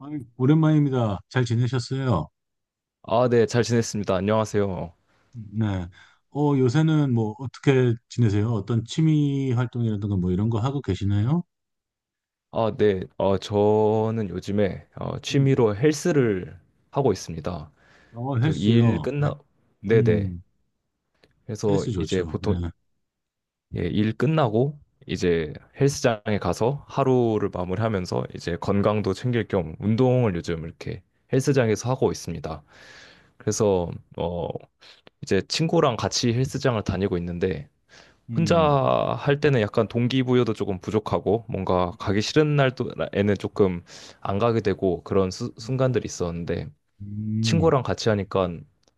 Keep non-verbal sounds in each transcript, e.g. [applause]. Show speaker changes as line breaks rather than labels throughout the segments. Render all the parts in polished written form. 아유, 오랜만입니다. 잘 지내셨어요?
아, 네, 잘 지냈습니다. 안녕하세요.
네. 요새는 뭐 어떻게 지내세요? 어떤 취미 활동이라든가 뭐 이런 거 하고 계시나요?
아, 네, 저는 요즘에
음.
취미로 헬스를 하고 있습니다. 그 일
헬스요. 네.
끝나, 네네.
음.
그래서
헬스
이제
좋죠. 네.
보통 예, 일 끝나고 이제 헬스장에 가서 하루를 마무리하면서 이제 건강도 챙길 겸 운동을 요즘 이렇게 헬스장에서 하고 있습니다. 그래서 어, 이제 친구랑 같이 헬스장을 다니고 있는데 혼자
음.
할 때는 약간 동기부여도 조금 부족하고 뭔가
음.
가기 싫은 날에는 조금 안 가게 되고 그런 순간들이 있었는데
음.
친구랑 같이 하니까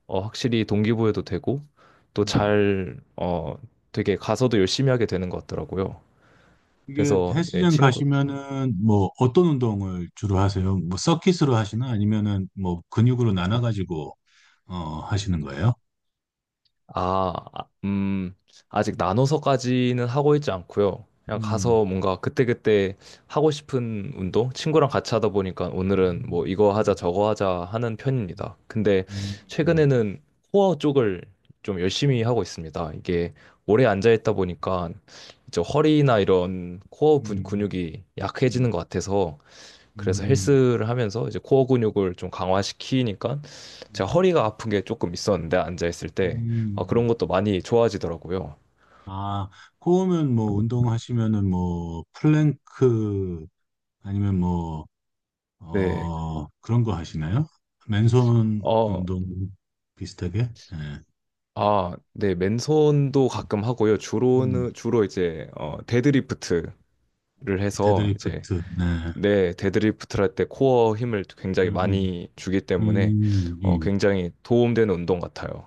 확실히 동기부여도 되고 또
음.
잘, 되게 가서도 열심히 하게 되는 것 같더라고요.
이게
그래서 예,
헬스장
친구,
가시면은 뭐 어떤 운동을 주로 하세요? 뭐 서킷으로 하시나 아니면은 뭐 근육으로 나눠 가지고 하시는 거예요?
아, 아, 아직 나눠서까지는 하고 있지 않고요. 그냥
음.
가서 뭔가 그때그때 하고 싶은 운동? 친구랑 같이 하다 보니까 오늘은
음.
뭐 이거 하자
음.
저거 하자 하는 편입니다. 근데
음. 음.
최근에는 코어 쪽을 좀 열심히 하고 있습니다. 이게 오래 앉아있다 보니까 이제 허리나 이런 코어
음.
근육이 약해지는
음.
것 같아서 그래서
음.
헬스를 하면서 이제 코어 근육을 좀 강화시키니까 제가
음.
허리가 아픈 게 조금 있었는데 앉아있을 때
음.
아, 그런
음.
것도 많이 좋아지더라고요.
아, 코우면 뭐 운동하시면은 뭐 플랭크 아니면 뭐,
네.
그런 거 하시나요? 맨손
어,
운동 비슷하게? 예.
아, 네. 맨손도 가끔 하고요.
음.
주로는, 주로 이제 데드리프트를 해서 이제
데드리프트. 네.
네, 데드리프트를 할 때 코어 힘을 굉장히
음. 음.
많이 주기 때문에
음. 음.
굉장히 도움되는 운동 같아요.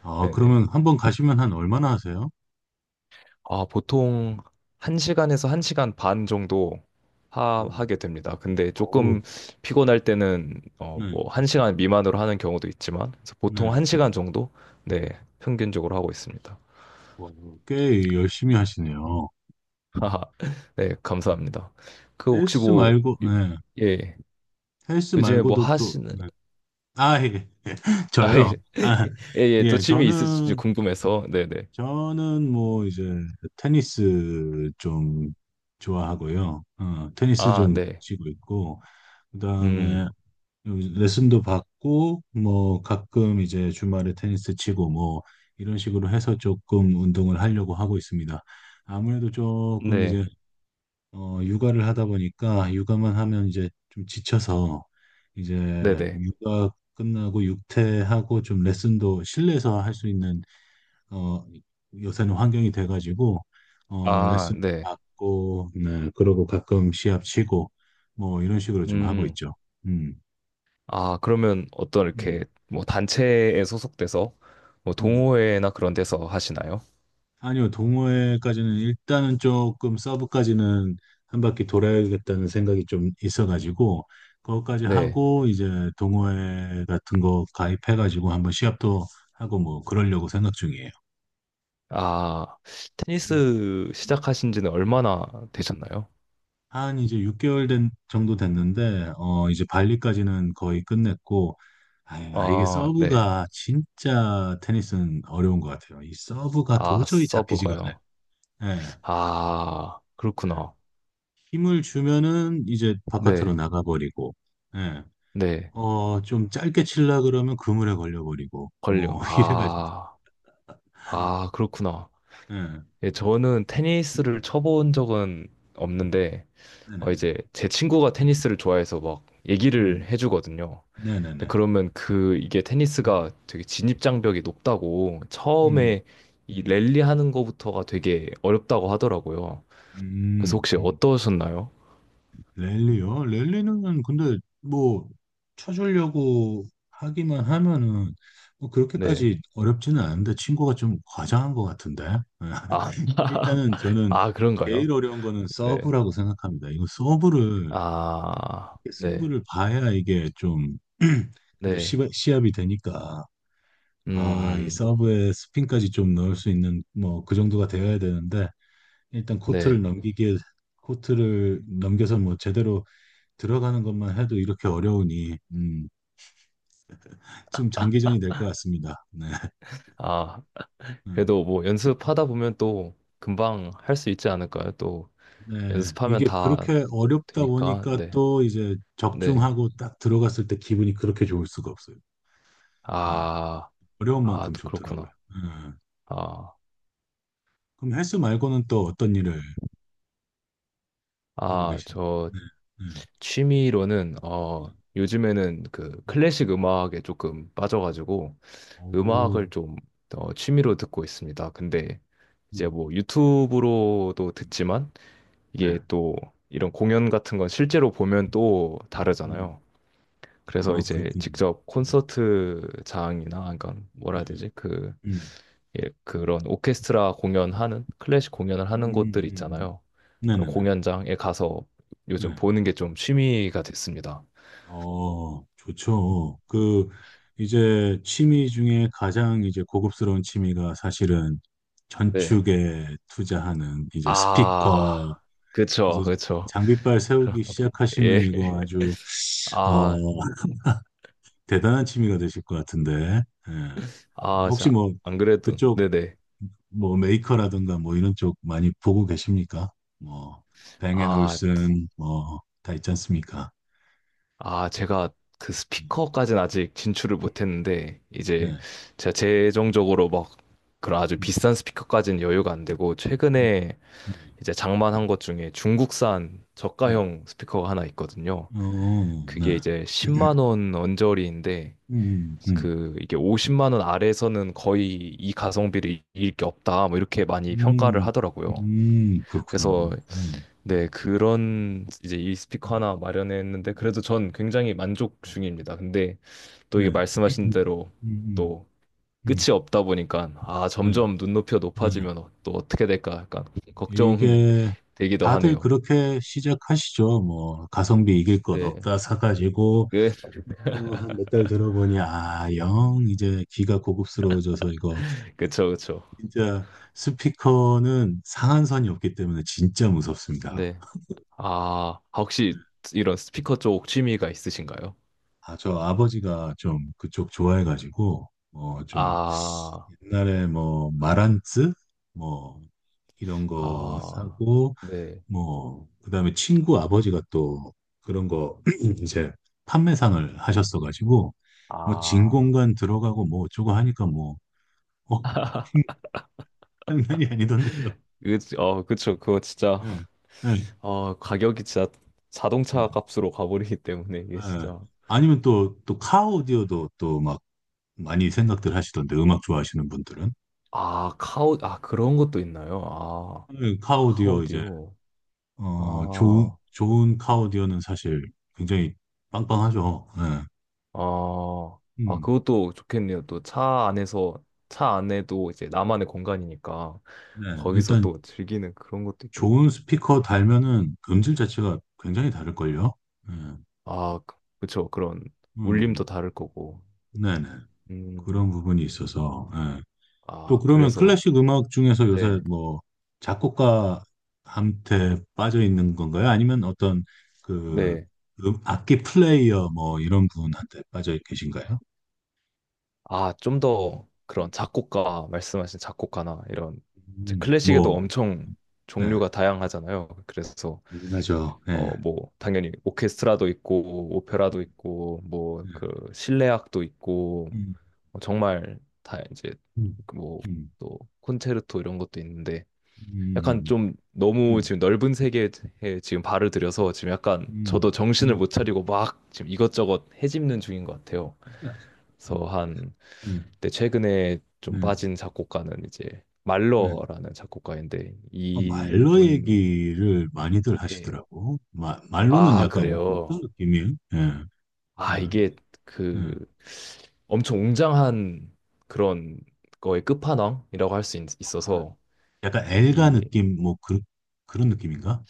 아,
네네.
그러면 한 번 가시면 한 얼마나 하세요?
아, 보통 1시간에서 1시간 반 정도 하,
음.
하게 됩니다. 근데
어우,
조금 피곤할 때는
네,
뭐 1시간 미만으로 하는 경우도 있지만, 그래서 보통
네.
1시간 정도 네, 평균적으로 하고 있습니다.
와, 꽤 열심히 하시네요.
[laughs] 네, 감사합니다. 그 혹시
헬스
뭐
말고, 네.
예,
헬스
요즘에 뭐
말고도 또,
하시는
네.
[laughs]
아, 예.
아, 예,
저요. 아,
예, 예, 또
예,
취미 있으신지 궁금해서. 네, 네.
저는 뭐 이제 테니스 좀 좋아하고요. 테니스
아,
좀
네.
치고 있고,
음.
그다음에 레슨도 받고, 뭐 가끔 이제 주말에 테니스 치고 뭐 이런 식으로 해서 조금 운동을 하려고 하고 있습니다. 아무래도 조금
네.
이제 육아를 하다 보니까 육아만 하면 이제 좀 지쳐서 이제
네, 네.
육아 끝나고 육퇴하고 좀 레슨도 실내에서 할 수 있는 어, 요새는 환경이 돼가지고
아,
레슨도
네.
받고, 네, 그러고 가끔 시합 치고 뭐 이런 식으로 좀 하고
음.
있죠. 음.
아, 그러면 어떤
음.
이렇게 뭐 단체에 소속돼서 뭐
네.
동호회나 그런 데서 하시나요?
아니요, 동호회까지는 일단은 조금 서브까지는 한 바퀴 돌아야겠다는 생각이 좀 있어가지고 그것까지
네.
하고 이제 동호회 같은 거 가입해가지고 한번 시합도 하고 뭐 그러려고 생각 중이에요.
아, 테니스 시작하신 지는 얼마나 되셨나요?
한 이제 6개월 된 정도 됐는데 이제 발리까지는 거의 끝냈고, 아유, 아 이게
아, 네.
서브가 진짜 테니스는 어려운 것 같아요. 이 서브가
아,
도저히 잡히지가
서브가요.
않아요. 예.
아,
예.
그렇구나.
힘을 주면은 이제 바깥으로
네.
나가버리고, 예.
네.
좀 짧게 칠라 그러면 그물에 걸려버리고,
걸려.
뭐, [laughs] 이래가지고,
아, 아, 그렇구나.
예.
예, 저는
음,
테니스를 쳐본 적은 없는데,
네네네.
이제 제 친구가 테니스를 좋아해서 막 얘기를
음,
해주거든요. 근데
네네네.
그러면 그 이게
음.
테니스가 되게 진입장벽이 높다고,
음.
처음에 이
음.
랠리 하는 거부터가 되게 어렵다고 하더라고요. 그래서
음.
혹시
음.
어떠셨나요?
랠리요? 랠리는 근데 뭐, 쳐주려고 하기만 하면은, 뭐
네.
그렇게까지 어렵지는 않은데, 친구가 좀 과장한 것 같은데.
아,
[laughs]
[laughs]
일단은 저는
아,
제일
그런가요?
어려운 거는
네.
서브라고 생각합니다. 이거 서브를
아, 네.
승부를 봐야 이게 좀 [clears throat] 그래도
네.
시합이 되니까, 아, 이
음,
서브에 스핀까지 좀 넣을 수 있는 뭐 그 정도가 되어야 되는데 일단 코트를
네.
넘기기에, 코트를 넘겨서 뭐 제대로 들어가는 것만 해도 이렇게 어려우니 좀 장기전이 될 것 같습니다. 네.
아,
음.
그래도 뭐 연습하다 보면 또 금방 할 수 있지 않을까요? 또
네.
연습하면
이게
다
그렇게 어렵다
되니까.
보니까
네.
또 이제
네.
적중하고 딱 들어갔을 때 기분이 그렇게 좋을 수가 없어요. 네.
아,
어려운
아,
만큼
또
좋더라고요.
그렇구나.
네.
아,
그럼 헬스 말고는 또 어떤 일을 하고
아,
계십니다.
저
네,
취미로는
네.
요즘에는 그
음.
클래식 음악에 조금 빠져가지고 음악을
오,
좀 취미로 듣고 있습니다. 근데 이제
음.
뭐 유튜브로도
음.
듣지만
네.
이게 또 이런 공연 같은 건 실제로 보면 또
음.
다르잖아요. 그래서
아,
이제
그렇군요.
직접 콘서트장이나, 그러니까 뭐라
네,
해야
네.
되지? 그
음.
예, 그런 오케스트라 공연하는, 클래식 공연을
음. 음.
하는 곳들
음.
있잖아요. 그런
네네네.
공연장에 가서 요즘
네.
보는 게 좀 취미가 됐습니다.
좋죠. 그, 이제 취미 중에 가장 이제 고급스러운 취미가 사실은
네.
전축에 투자하는 이제 스피커,
아,
이제
그쵸, 그쵸.
장비빨 세우기
예.
시작하시면 이거
[laughs]
아주,
아,
어, [laughs] 대단한 취미가 되실 것 같은데. 예.
아,
혹시
자,
뭐
안 그래도,
그쪽
네네.
뭐 메이커라든가 뭐 이런 쪽 많이 보고 계십니까? 뭐
아,
뱅앤올슨 뭐 다 있지 않습니까?
아, 제가 그 스피커까지는 아직 진출을 못했는데, 이제
네.
제가 재정적으로 막 그런 아주
음,
비싼 스피커까지는 여유가 안 되고,
음,
최근에
네.
이제 장만한 것 중에 중국산
네.
저가형 스피커가 하나 있거든요.
네.
그게 이제 10만 원 언저리인데,
음. 음.
그 이게 50만 원 아래에서는 거의 이 가성비를 이길 게 없다, 뭐 이렇게 많이 평가를
음.
하더라고요.
그렇구나.
그래서
네.
네, 그런 이제 이
네.
스피커 하나 마련했는데, 그래도 전 굉장히 만족 중입니다. 근데 또
네.
이게 말씀하신
음.
대로
음.
또 끝이
음.
없다 보니까, 아,
네.
점점 눈높이가
네.
높아지면 또 어떻게 될까 약간 걱정이
이게
되기도
다들
하네요.
그렇게 시작하시죠. 뭐 가성비 이길 것
네.
없다 사가지고
그, [laughs]
한 몇 달 들어보니 아, 영 이제 귀가 고급스러워져서 이거
그쵸, 그쵸.
진짜 스피커는 상한선이 없기 때문에 진짜 무섭습니다.
네. 아, 혹시 이런 스피커 쪽 취미가 있으신가요?
아, 저 아버지가 좀 그쪽 좋아해가지고 좀
아,
옛날에 뭐 마란츠 뭐 이런 거
아,
사고,
네.
뭐 그다음에 친구 아버지가 또 그런 거 [clears throat] 이제 판매상을 하셨어가지고 뭐
아,
진공관 들어가고 뭐 어쩌고 하니까 뭐 어, 장난이 아니던데요.
그, 그쵸. 그거 진짜,
예, 예, 예.
가격이 진짜 자동차 값으로 가버리기 [laughs] 때문에 이게
예.
진짜.
아니면 또, 또 카오디오도 또 막 많이 생각들 하시던데, 음악 좋아하시는 분들은.
아, 아, 그런 것도 있나요? 아.
예, 카오디오 이제,
카오디오. 아,
좋은 카오디오는 사실 굉장히 빵빵하죠. 예.
아, 아,
음,
그것도 좋겠네요. 또 차 안에서, 차 안에도 이제 나만의 공간이니까
네.
거기서
일단
또 즐기는 그런 것도 있겠네요.
좋은 스피커 달면은 음질 자체가 굉장히 다를걸요. 예.
아, 그- 그쵸. 그런
음,
울림도 다를 거고.
네네.
음,
그런 부분이 있어서, 예. 또
아,
그러면
그래서,
클래식 음악 중에서 요새
네,
뭐 작곡가한테 빠져 있는 건가요? 아니면 어떤 그
네.
악기 플레이어 뭐 이런 분한테 빠져 계신가요?
아, 좀 더 그런 작곡가, 말씀하신 작곡가나 이런, 이제 클래식에도
뭐,
엄청
네,
종류가 다양하잖아요. 그래서
궁금하죠. 네.
뭐, 당연히 오케스트라도 있고, 오페라도 있고, 뭐,
네.
그, 실내악도 있고,
음.
정말 다 이제,
음.
그 뭐,
음.
또, 콘체르토 이런 것도 있는데, 약간
음.
좀 너무
음.
지금 넓은 세계에 지금 발을 들여서 지금 약간 저도
음. 음.
정신을
음.
못 차리고 막 지금 이것저것 헤집는 중인 것 같아요.
네,
그래서 한, 그때 최근에 좀
네,
빠진 작곡가는 이제,
네.
말러라는 작곡가인데,
말로
이분의,
얘기를 많이들 하시더라고. 말로는
아,
약간 어떤
그래요.
느낌이에요? 예, 예,
아, 이게
예.
그 엄청 웅장한 그런 거의 끝판왕이라고 할 수 있어서
약간 엘가
이,
느낌 뭐 그, 그런 느낌인가?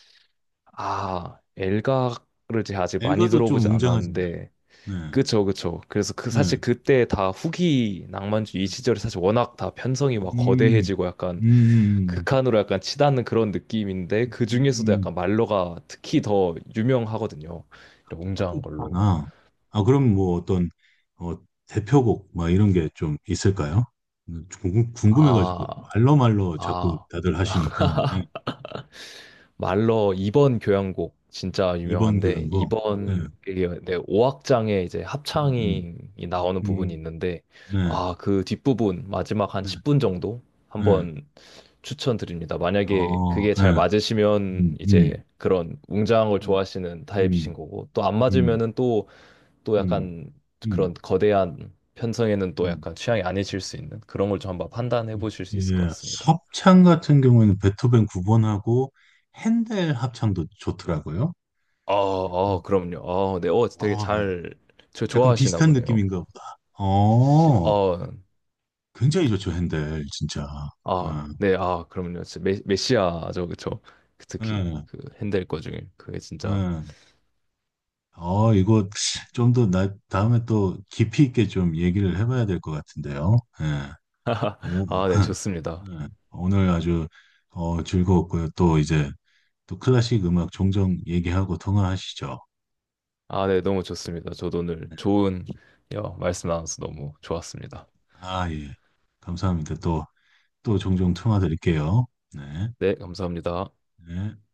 아, 엘가를 제가 아직 많이
엘가도 좀
들어보진
웅장하잖아요.
않았는데
네,
그쵸, 그쵸. 그래서 그
네.
사실 그때 다 후기 낭만주의 이
네.
시절에 사실 워낙 다 편성이 막
음.
거대해지고
음.
약간
음.
극한으로 약간 치닫는 그런 느낌인데, 그 중에서도
음,
약간 말러가 특히 더 유명하거든요. 이런 웅장한 걸로.
끝판왕. 아, 그럼 뭐 어떤 어, 대표곡 막 이런 게 좀 있을까요? 궁금해가지고
아,
말로말로 자꾸
아.
다들 하시니까 네.
말러 2번 교향곡 진짜
이번
유명한데,
교향곡. 네.
2번 그게 네, 악장에 이제
음. 음.
합창이 나오는 부분이
음.
있는데,
네,
아, 그 뒷부분 마지막 한
네,
10분 정도
네.
한번 추천드립니다. 만약에 그게 잘
네.
맞으시면
음.
이제
음.
그런 웅장한 걸 좋아하시는 타입이신
음.
거고, 또 안
음.
맞으면은 또 또
음.
약간
음.
그런
음.
거대한 편성에는 또
음.
약간 취향이 아니실 수 있는, 그런 걸 좀 한번 판단해 보실 수 있을 것
이제
같습니다.
합창 같은 경우에는 베토벤 9번하고 핸델 합창도 좋더라고요.
아, 아,
음.
그럼요. 네, 되게
아, 네.
잘, 저
약간
좋아하시나
비슷한
보네요.
느낌인가 보다.
어,
굉장히 좋죠, 핸델, 진짜.
아,
아,
네, 아, 그럼요. 진짜 메, 메시아죠, 그쵸? 그 특히
예,
그 핸델 거 중에 그게 진짜,
예. 이거 좀 더 다음에 또 깊이 있게 좀 얘기를 해봐야 될 것 같은데요. 예.
[laughs]
오,
아, 네,
[laughs]
좋습니다.
예. 오늘 아주 즐거웠고요. 또 이제 또 클래식 음악 종종 얘기하고 통화하시죠.
아, 네, 너무 좋습니다. 저도 오늘
네.
좋은, 야, 말씀 나눠서 너무 좋았습니다.
아, 예. 감사합니다. 또, 또 종종 통화 드릴게요. 네.
네, 감사합니다.
네.